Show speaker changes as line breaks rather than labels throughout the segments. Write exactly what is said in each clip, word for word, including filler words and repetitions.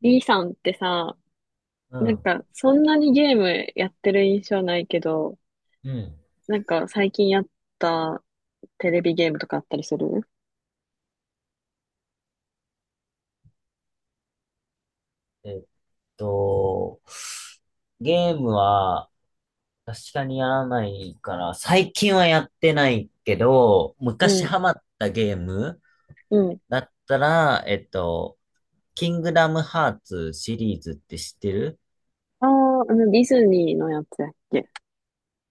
B さんってさ、
う
なん
ん。
かそんなにゲームやってる印象ないけど、
うん。
なんか最近やったテレビゲームとかあったりする？
えっと、ゲームは確かにやらないから、最近はやってないけど、昔
うん、
ハマったゲーム
うん。
だったら、えっと、キングダムハーツシリーズって知ってる？
ああ、あのディズニーのやつやっけ。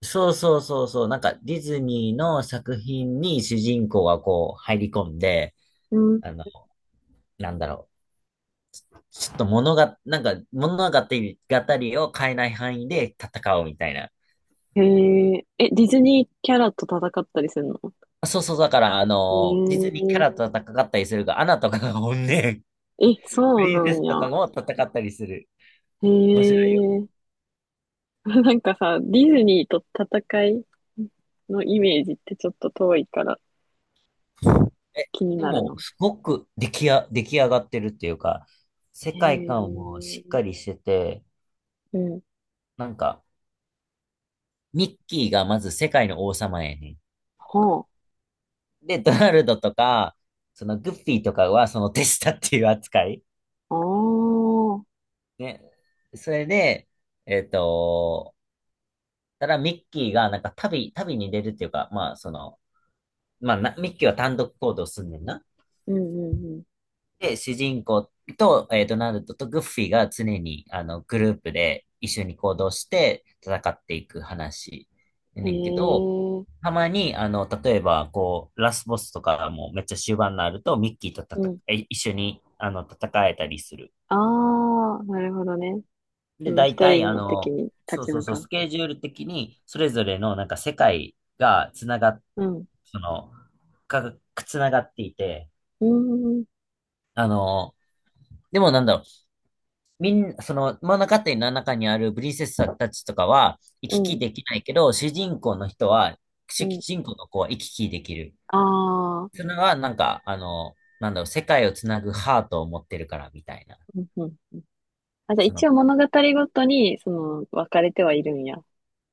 そうそうそうそう、なんかディズニーの作品に主人公がこう入り込んで、
うん。
あの、なんだろう。ちょっと物が、なんか物語、語りを変えない範囲で戦うみたいな。
へえ、え、ディズニーキャラと戦ったりするの？
あそうそう、だから、あ
へ
の、実にキャラと戦ったりするが、アナとかが本ね、
え、え、
プ
そう
リン
な
セス
ん
とか
や。
も戦ったりする。
へ
面白いよ。
え、なんかさ、ディズニーと戦いのイメージってちょっと遠いから
え、
気に
で
なる
も、
の。
すごく出来や、出来上がってるっていうか、世
へ
界観も
え、
しっかりしてて、
うん。
なんか、ミッキーがまず世界の王様やね
はあ。
ん。で、ドナルドとか、そのグッフィーとかはその手下っていう扱い。
ああ、うん
ね。それで、えっと、ただミッキーがなんか旅、旅に出るっていうか、まあ、その、まあな、ミッキーは単独行動すんねんな。
うん
で、主人公と、えー、ドナルドとグッフィーが常に、あの、グループで一緒に行動して戦っていく話や
うん。
ねんけど、
へえ、
たまに、あの、例えば、こう、ラスボスとかもめっちゃ終盤になると、ミッキーと
う
戦
ん。
え、一緒に、あの、戦えたりする。
ああ、なるほどね。そ
で、
の
大
一
体、
人
あ
の敵
の、
に
そ
立
う
ち
そう
向
そう、
かう。
スケジュール的に、それぞれの、なんか、世界がつながっ、
うん。
その、が、つながっていて、
うん、
あの、でもなんだろう、みん、その物語の中にあるプリンセスたちとかは行
う
き
ん、
来できないけど、主人公の人は、
う
主
ん。
人公の子は行き来できる。
ああ、
それはなんか、あの、なんだろう、世界をつなぐハートを持ってるからみたいな。
うん、うん。あ、じゃあ
そ
一
の、
応物語ごとに、その、分かれてはいるんや、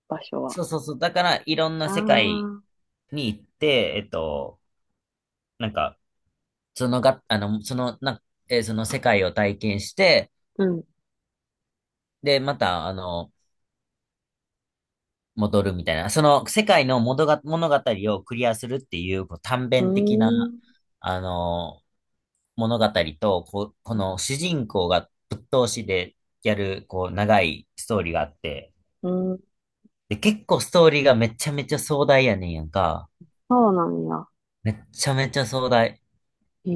場所は。
そうそうそう。だから、いろんな
ああ、
世界
う
に行って、えっと、なんか、そのが、あの、その、な、えーその世界を体験して、
ん。う
で、また、あの、戻るみたいな。その世界の物が、物語をクリアするっていう、こう短編的な、
ん、
あの、物語と、こう、この主人公がぶっ通しでやる、こう、長いストーリーがあって、
うん。
で、結構ストーリーがめちゃめちゃ壮大やねんやんか。
そうなんや。
めっちゃめちゃ壮大。
へ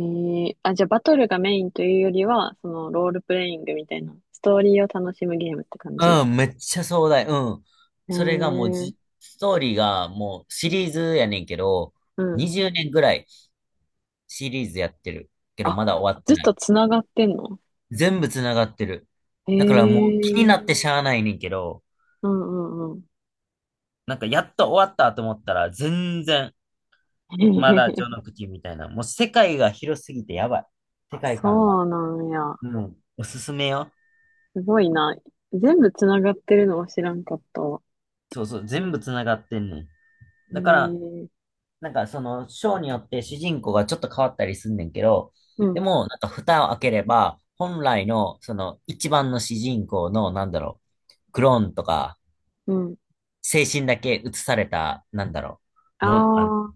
え、あ、じゃあバトルがメインというよりは、その、ロールプレイングみたいな、ストーリーを楽しむゲームって感じ。へ
うん、めっちゃ壮大。うん。それがもう
え、
じ、ストーリーがもうシリーズやねんけど、
うん。
にじゅうねんぐらいシリーズやってるけど、
あ、
まだ終わって
ずっ
な
と
い。
つながってんの？
全部繋がってる。
へ
だからもう気になっ
え、
てしゃあないねんけど、
うんうんうん。
なんかやっと終わったと思ったら、全然、まだ序 の口みたいな。もう世界が広すぎてやばい。世
あ、
界観が。
そうなんや。
うん。おすすめよ。
すごいな。全部つながってるのは知らんかったわ。
そうそう。全
ね、
部繋がってんねん。
え
だから、
ー、
なんかその、章によって主人公がちょっと変わったりすんねんけど、
う
で
ん、
も、なんか蓋を開ければ、本来の、その、一番の主人公の、なんだろう、クローンとか、
うん。
精神だけ移された、なんだろ
あ
う、
あ、
もう、あの
は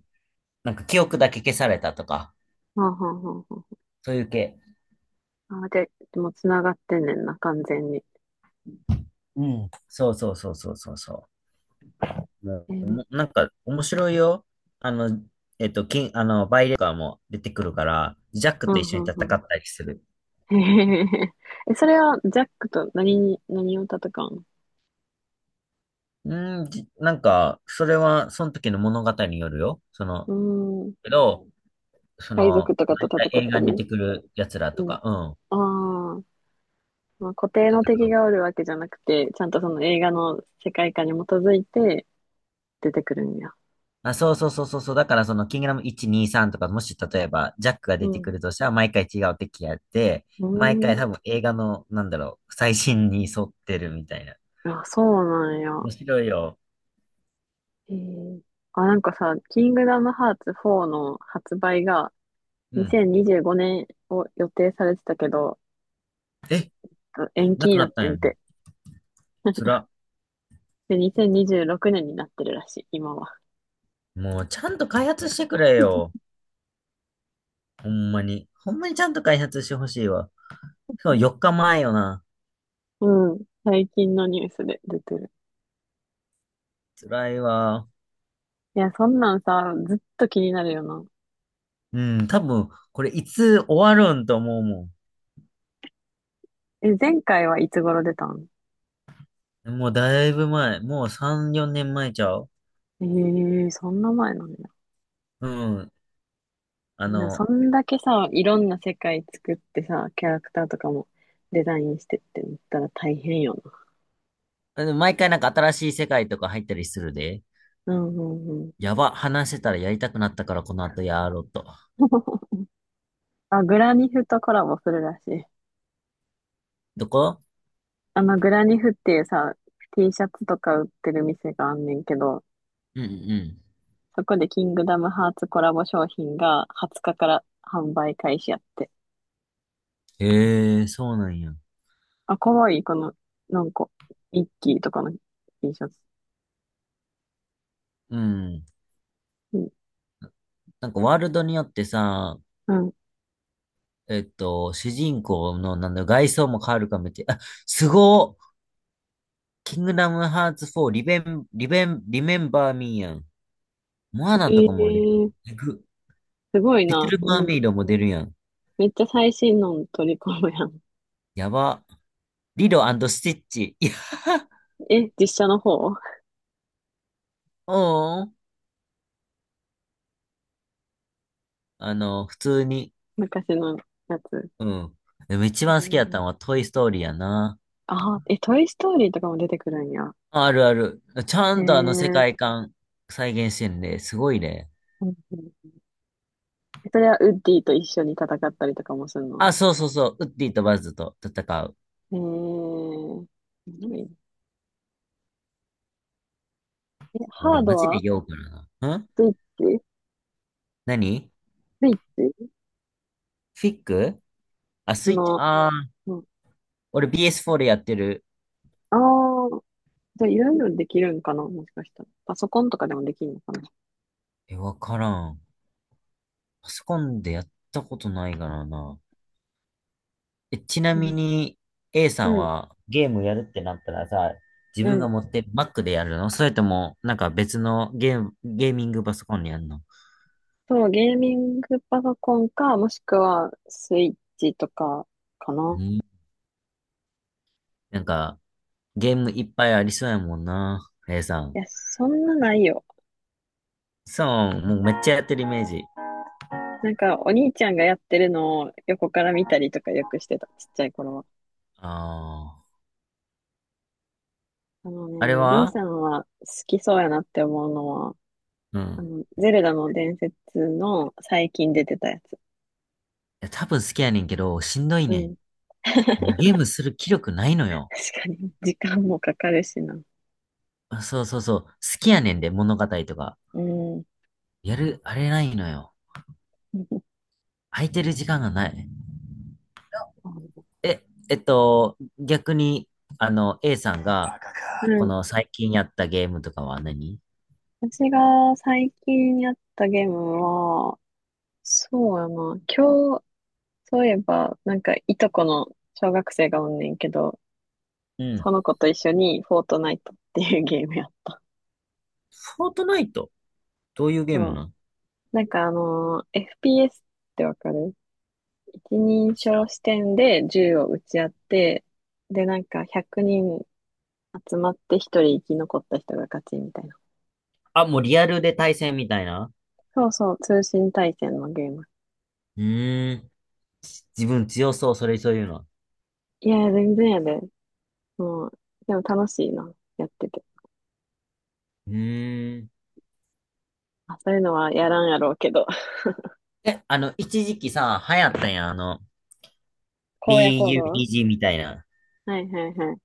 なんか記憶だけ消されたとか、
あ、はあ、はあ、は
そういう系。
あ。あ、で、でもつながってんねんな、完全に。
うん。そうそうそうそうそうそう。もう、
え
お
ー、
もなんか面白いよ。あの、えっと、金、あの、バイレーカーも出てくるから、ジャッ
う
クと一
ん、う
緒に
ん、
戦っ
うん。
たりする。
へへへえ、それは、ジャックと何に、何を戦う？
うん、じなんか、それは、その時の物語によるよ。その、
のうーん。
けど、そ
海賊
の、
とかと
大体
戦っ
映
た
画に出
り。
てくる奴ら
う
と
ん。
か、うん、
ああ。まあ、固定の
戦
敵
う。
がおるわけじゃなくて、ちゃんとその映画の世界観に基づいて出てくるんや。
あ、そうそうそうそうそう。だからその、キングダムいち、に、さんとか、もし例えば、ジャックが
う
出て
ん。
くるとしたら、毎回違う敵やって、毎回多
う
分映画の、なんだろう、最新に沿ってるみたいな。
ーん。あ、そうなんや。
面白いよ。
へえ。あ、なんかさ、キングダムハーツフォーの発売が
うん。
にせんにじゅうごねんを予定されてたけど、
え、
延
な
期
く
に
な
なっ
ったん
て
や。
んて。
つら。
で、にせんにじゅうろくねんにじゅうろくねんになってるらしい、今は。
もう、ちゃんと開発してくれよ。ほんまに。ほんまにちゃんと開発してほしいわ。そう、よっかまえよな。
うん。最近のニュースで出てる。
つらいわ。
いや、そんなんさ、ずっと気になるよな。
うん、多分、これいつ終わるんと思うも
え、前回はいつ頃出たん？
ん。もうだいぶ前。もうさん、よねんまえちゃう？
ええー、そんな前なの？
うん。あ
でもそ
の、
んだけさ、いろんな世界作ってさ、キャラクターとかもデザインしてってなったら大変よ
でも毎回なんか新しい世界とか入ったりするで。
な。うんうんうん。
やば、話してたらやりたくなったからこの後やろうと。
あ、グラニフとコラボするらしい。
どこ？
あの、グラニフっていうさ、T シャツとか売ってる店があんねんけど、
うんうん
そこでキングダムハーツコラボ商品がはつかかから販売開始やって。
うん。へえ、そうなんや。
あ、かわいい、この、なんか、ミッキーとかの T シャツ。
うん。
うん。
なんかワールドによってさ、
うん。
えっと、主人公のなんだ、外装も変わるかもって。あ、すごっ。キングダムハーツフォー、リベン、リベン、リメンバーミーやん。モアナ
え
とかも出る。
ー、
えぐ。
すごい
リト
な。
ル
う
マー
ん。
メイドも出るやん。
めっちゃ最新の取り込むやん。
やば。リロスティッチ。いや、
え、実写の方？
おーん。あの、普通に。
昔のやつ。
うん。でも一
え
番好きだった
ー、
のはトイストーリーやな。
あー、え、トイ・ストーリーとかも出てくるんや。
あるある。ちゃ
へえ。う
んとあの世
ん
界観再現してんで、すごいね。
うん。それはウッディと一緒に戦ったりとかもするの？
あ、そうそうそう。ウッディとバズと戦う。
へえー。何？え、
俺
ハー
マ
ド
ジで
は
酔うからな。ん。
スイッチ
何？
スイッチ
フィックあ、スイッチ。
の、
ああ、
うん、
俺 ビーエスフォー でやってる。
ああ、じゃあいろいろできるんかな、もしかしたら。パソコンとかでもできるのかな？
え、わからん。パソコンでやったことないからな。えちな
う
み
ん。
に、A さ
う
ん
ん。
はゲームやるってなったらさ、自
う
分
ん。
が持ってる Mac でやるの？それとも、なんか別のゲーム、ゲーミングパソコンにやるの？
そう、ゲーミングパソコンか、もしくはスイッチとかか
う
な。
ん、なんか、ゲームいっぱいありそうやもんな、A さ
い
ん。
や、そんなないよ。
そう、もうめっちゃやってるイメージ。
なんか、お兄ちゃんがやってるのを横から見たりとかよくしてた、ちっちゃい頃は。
ああ。
あの
あれ
ね、B
は
さんは好きそうやなって思うのは、
うん。い
あの、ゼルダの伝説の最近出てたやつ。
や、多分好きやねんけど、しんどい
う
ね
ん。
ん。もう
確
ゲームする気力ないのよ。
かに、時間もかかるしな。
あそうそうそう。好きやねんで、物語とか。
うん。
やる、あれないのよ。空いてる時間がない。え、えっと、逆に、あの、A さんが、
う
こ
ん。
の最近やったゲームとかは何？
私が最近やったゲームは、そうやな。今日、そういえば、なんか、いとこの小学生がおんねんけど、
うん。
その子と一緒にフォートナイトっていうゲームやっ。
フォートナイト？どういうゲーム
そう。
なん？
なんかあのー エフピーエス ってわかる？一人称視点で銃を撃ち合って、で、なんかひゃくにん集まって一人生き残った人が勝ちみたいな。
あ、もうリアルで対戦みたいな？
そうそう、通信対戦のゲーム。
うーん。自分強そう、それそういうの。
いや、全然やで。もう、でも楽しいな、やってて。
うーん。
まあ、そういうのはやらんやろうけど。
え、あの、一時期さ、流行ったやん、あの、
荒野行動。
ビーユーピージー みたいな。
はいはいはい。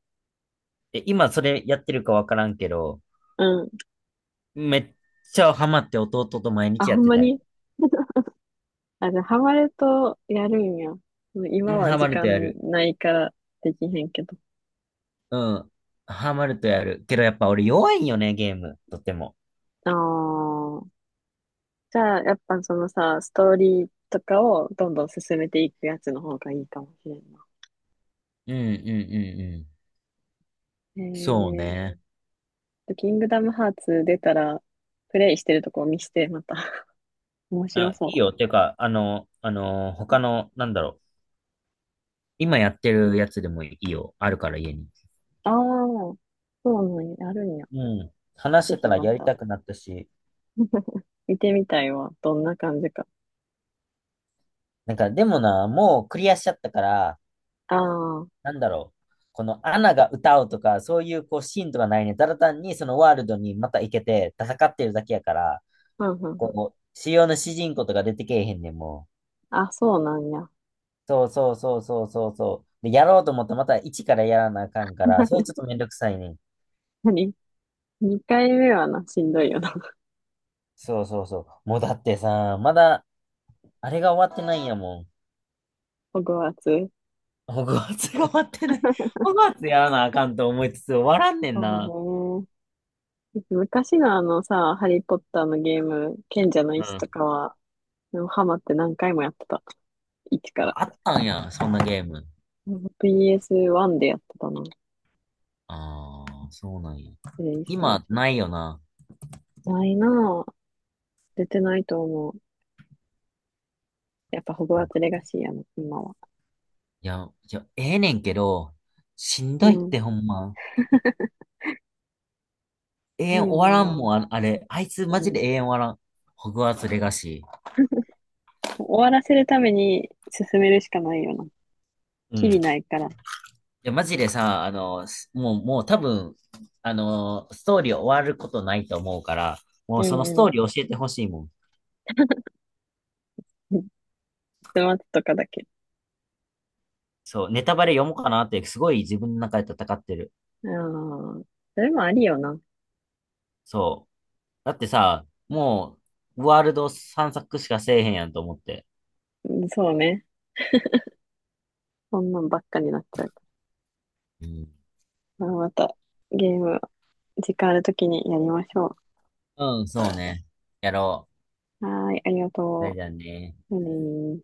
え、今それやってるかわからんけど、
うん。
めっちゃハマって弟と毎
あ、
日や
ほ
っ
ん
て
ま
たよ。
に？あ、じゃあハマるとやるんや。もう
う
今
ん、
は
ハ
時
マる
間
とやる。
ないからできへんけど。
うん。ハマるとやる。けどやっぱ俺弱いんよね、ゲーム。とっても。
ああ。じゃあ、やっぱそのさ、ストーリーとかをどんどん進めていくやつの方がいいかもしれんな。
うんうんうんうん。
へ
そう
え
ね。
ー。キングダムハーツ出たら、プレイしてるとこを見して、また。面白
あ、いい
そ
よ。ていうか、あの、あの、他の、なんだろう、今やってるやつでもいいよ。あるから家に。
う。ああ、そうなんや、あるんや。
う。うん。話し
ぜ
てた
ひ
ら
ま
やり
た、
たくなったし、
見てみたいわ。どんな感じか。
なんか、でもな、もうクリアしちゃったから、
ああ、うん
なんだろう。このアナが歌うとか、そういうこうシーンとかないね。ただ単にそのワールドにまた行けて戦ってるだけやから、
うんうん。
こう、主要の主人公とか出てけえへんねんもう。
あ、そうなんや。
そうそうそうそうそうそう。で、やろうと思ったらまた一からやらなあかんから、それちょっとめんどくさいねん。
何？にかいめはな、しんどいよな。
そうそうそう。もうだってさ、まだ、あれが終わってないんやもん。
ホグワーツ。
ホグワーツが 終わってない。ホグワーツやらなあかんと思いつつ終わらんねんな。
そうね。昔のあのさ、ハリーポッターのゲーム、賢者の
う
石と
ん。
かは、でもハマって何回もやってた。一から。
あ、あったんや、そんなゲーム。
ピーエスワン でやってたな。
ああ、そうなんや。
プレイステーシ
今、
ョン。
ないよな。
ないなぁ。出てないと思う。やっぱホグワーツレガシーやな、今は。
いや、いや、ええねんけど、しん
う
どいっ
ん。
てほんま。永
な
遠
い
終
よ
わらん
な
もん、あ、あれ。あいつ
ぁ。
マ
う
ジで
ん。
永遠終わらん。ホグワーツレガシー。
終わらせるために進めるしかないよな。
う
き
ん。
りないから。
や、マジでさ、あの、すもう、もう多分、あの、ストーリー終わることないと思うから、も
う
うそのスト
ん
ーリー教えてほしいもん。
うん。待つとかだけ。
そう、ネタバレ読もうかなって、すごい自分の中で戦ってる。
ああ。それもありよな。
そう。だってさ、もう、ワールド散策しかせえへんやんと思って。
うん。そうね。そんなんばっかになっちゃうか
うん、
ら。まあまた、ゲーム、時間あるときにやりましょ
うん、そうね。やろ
う。はーい、ありが
う。それ
と
じゃあね。
う。じゃあねー。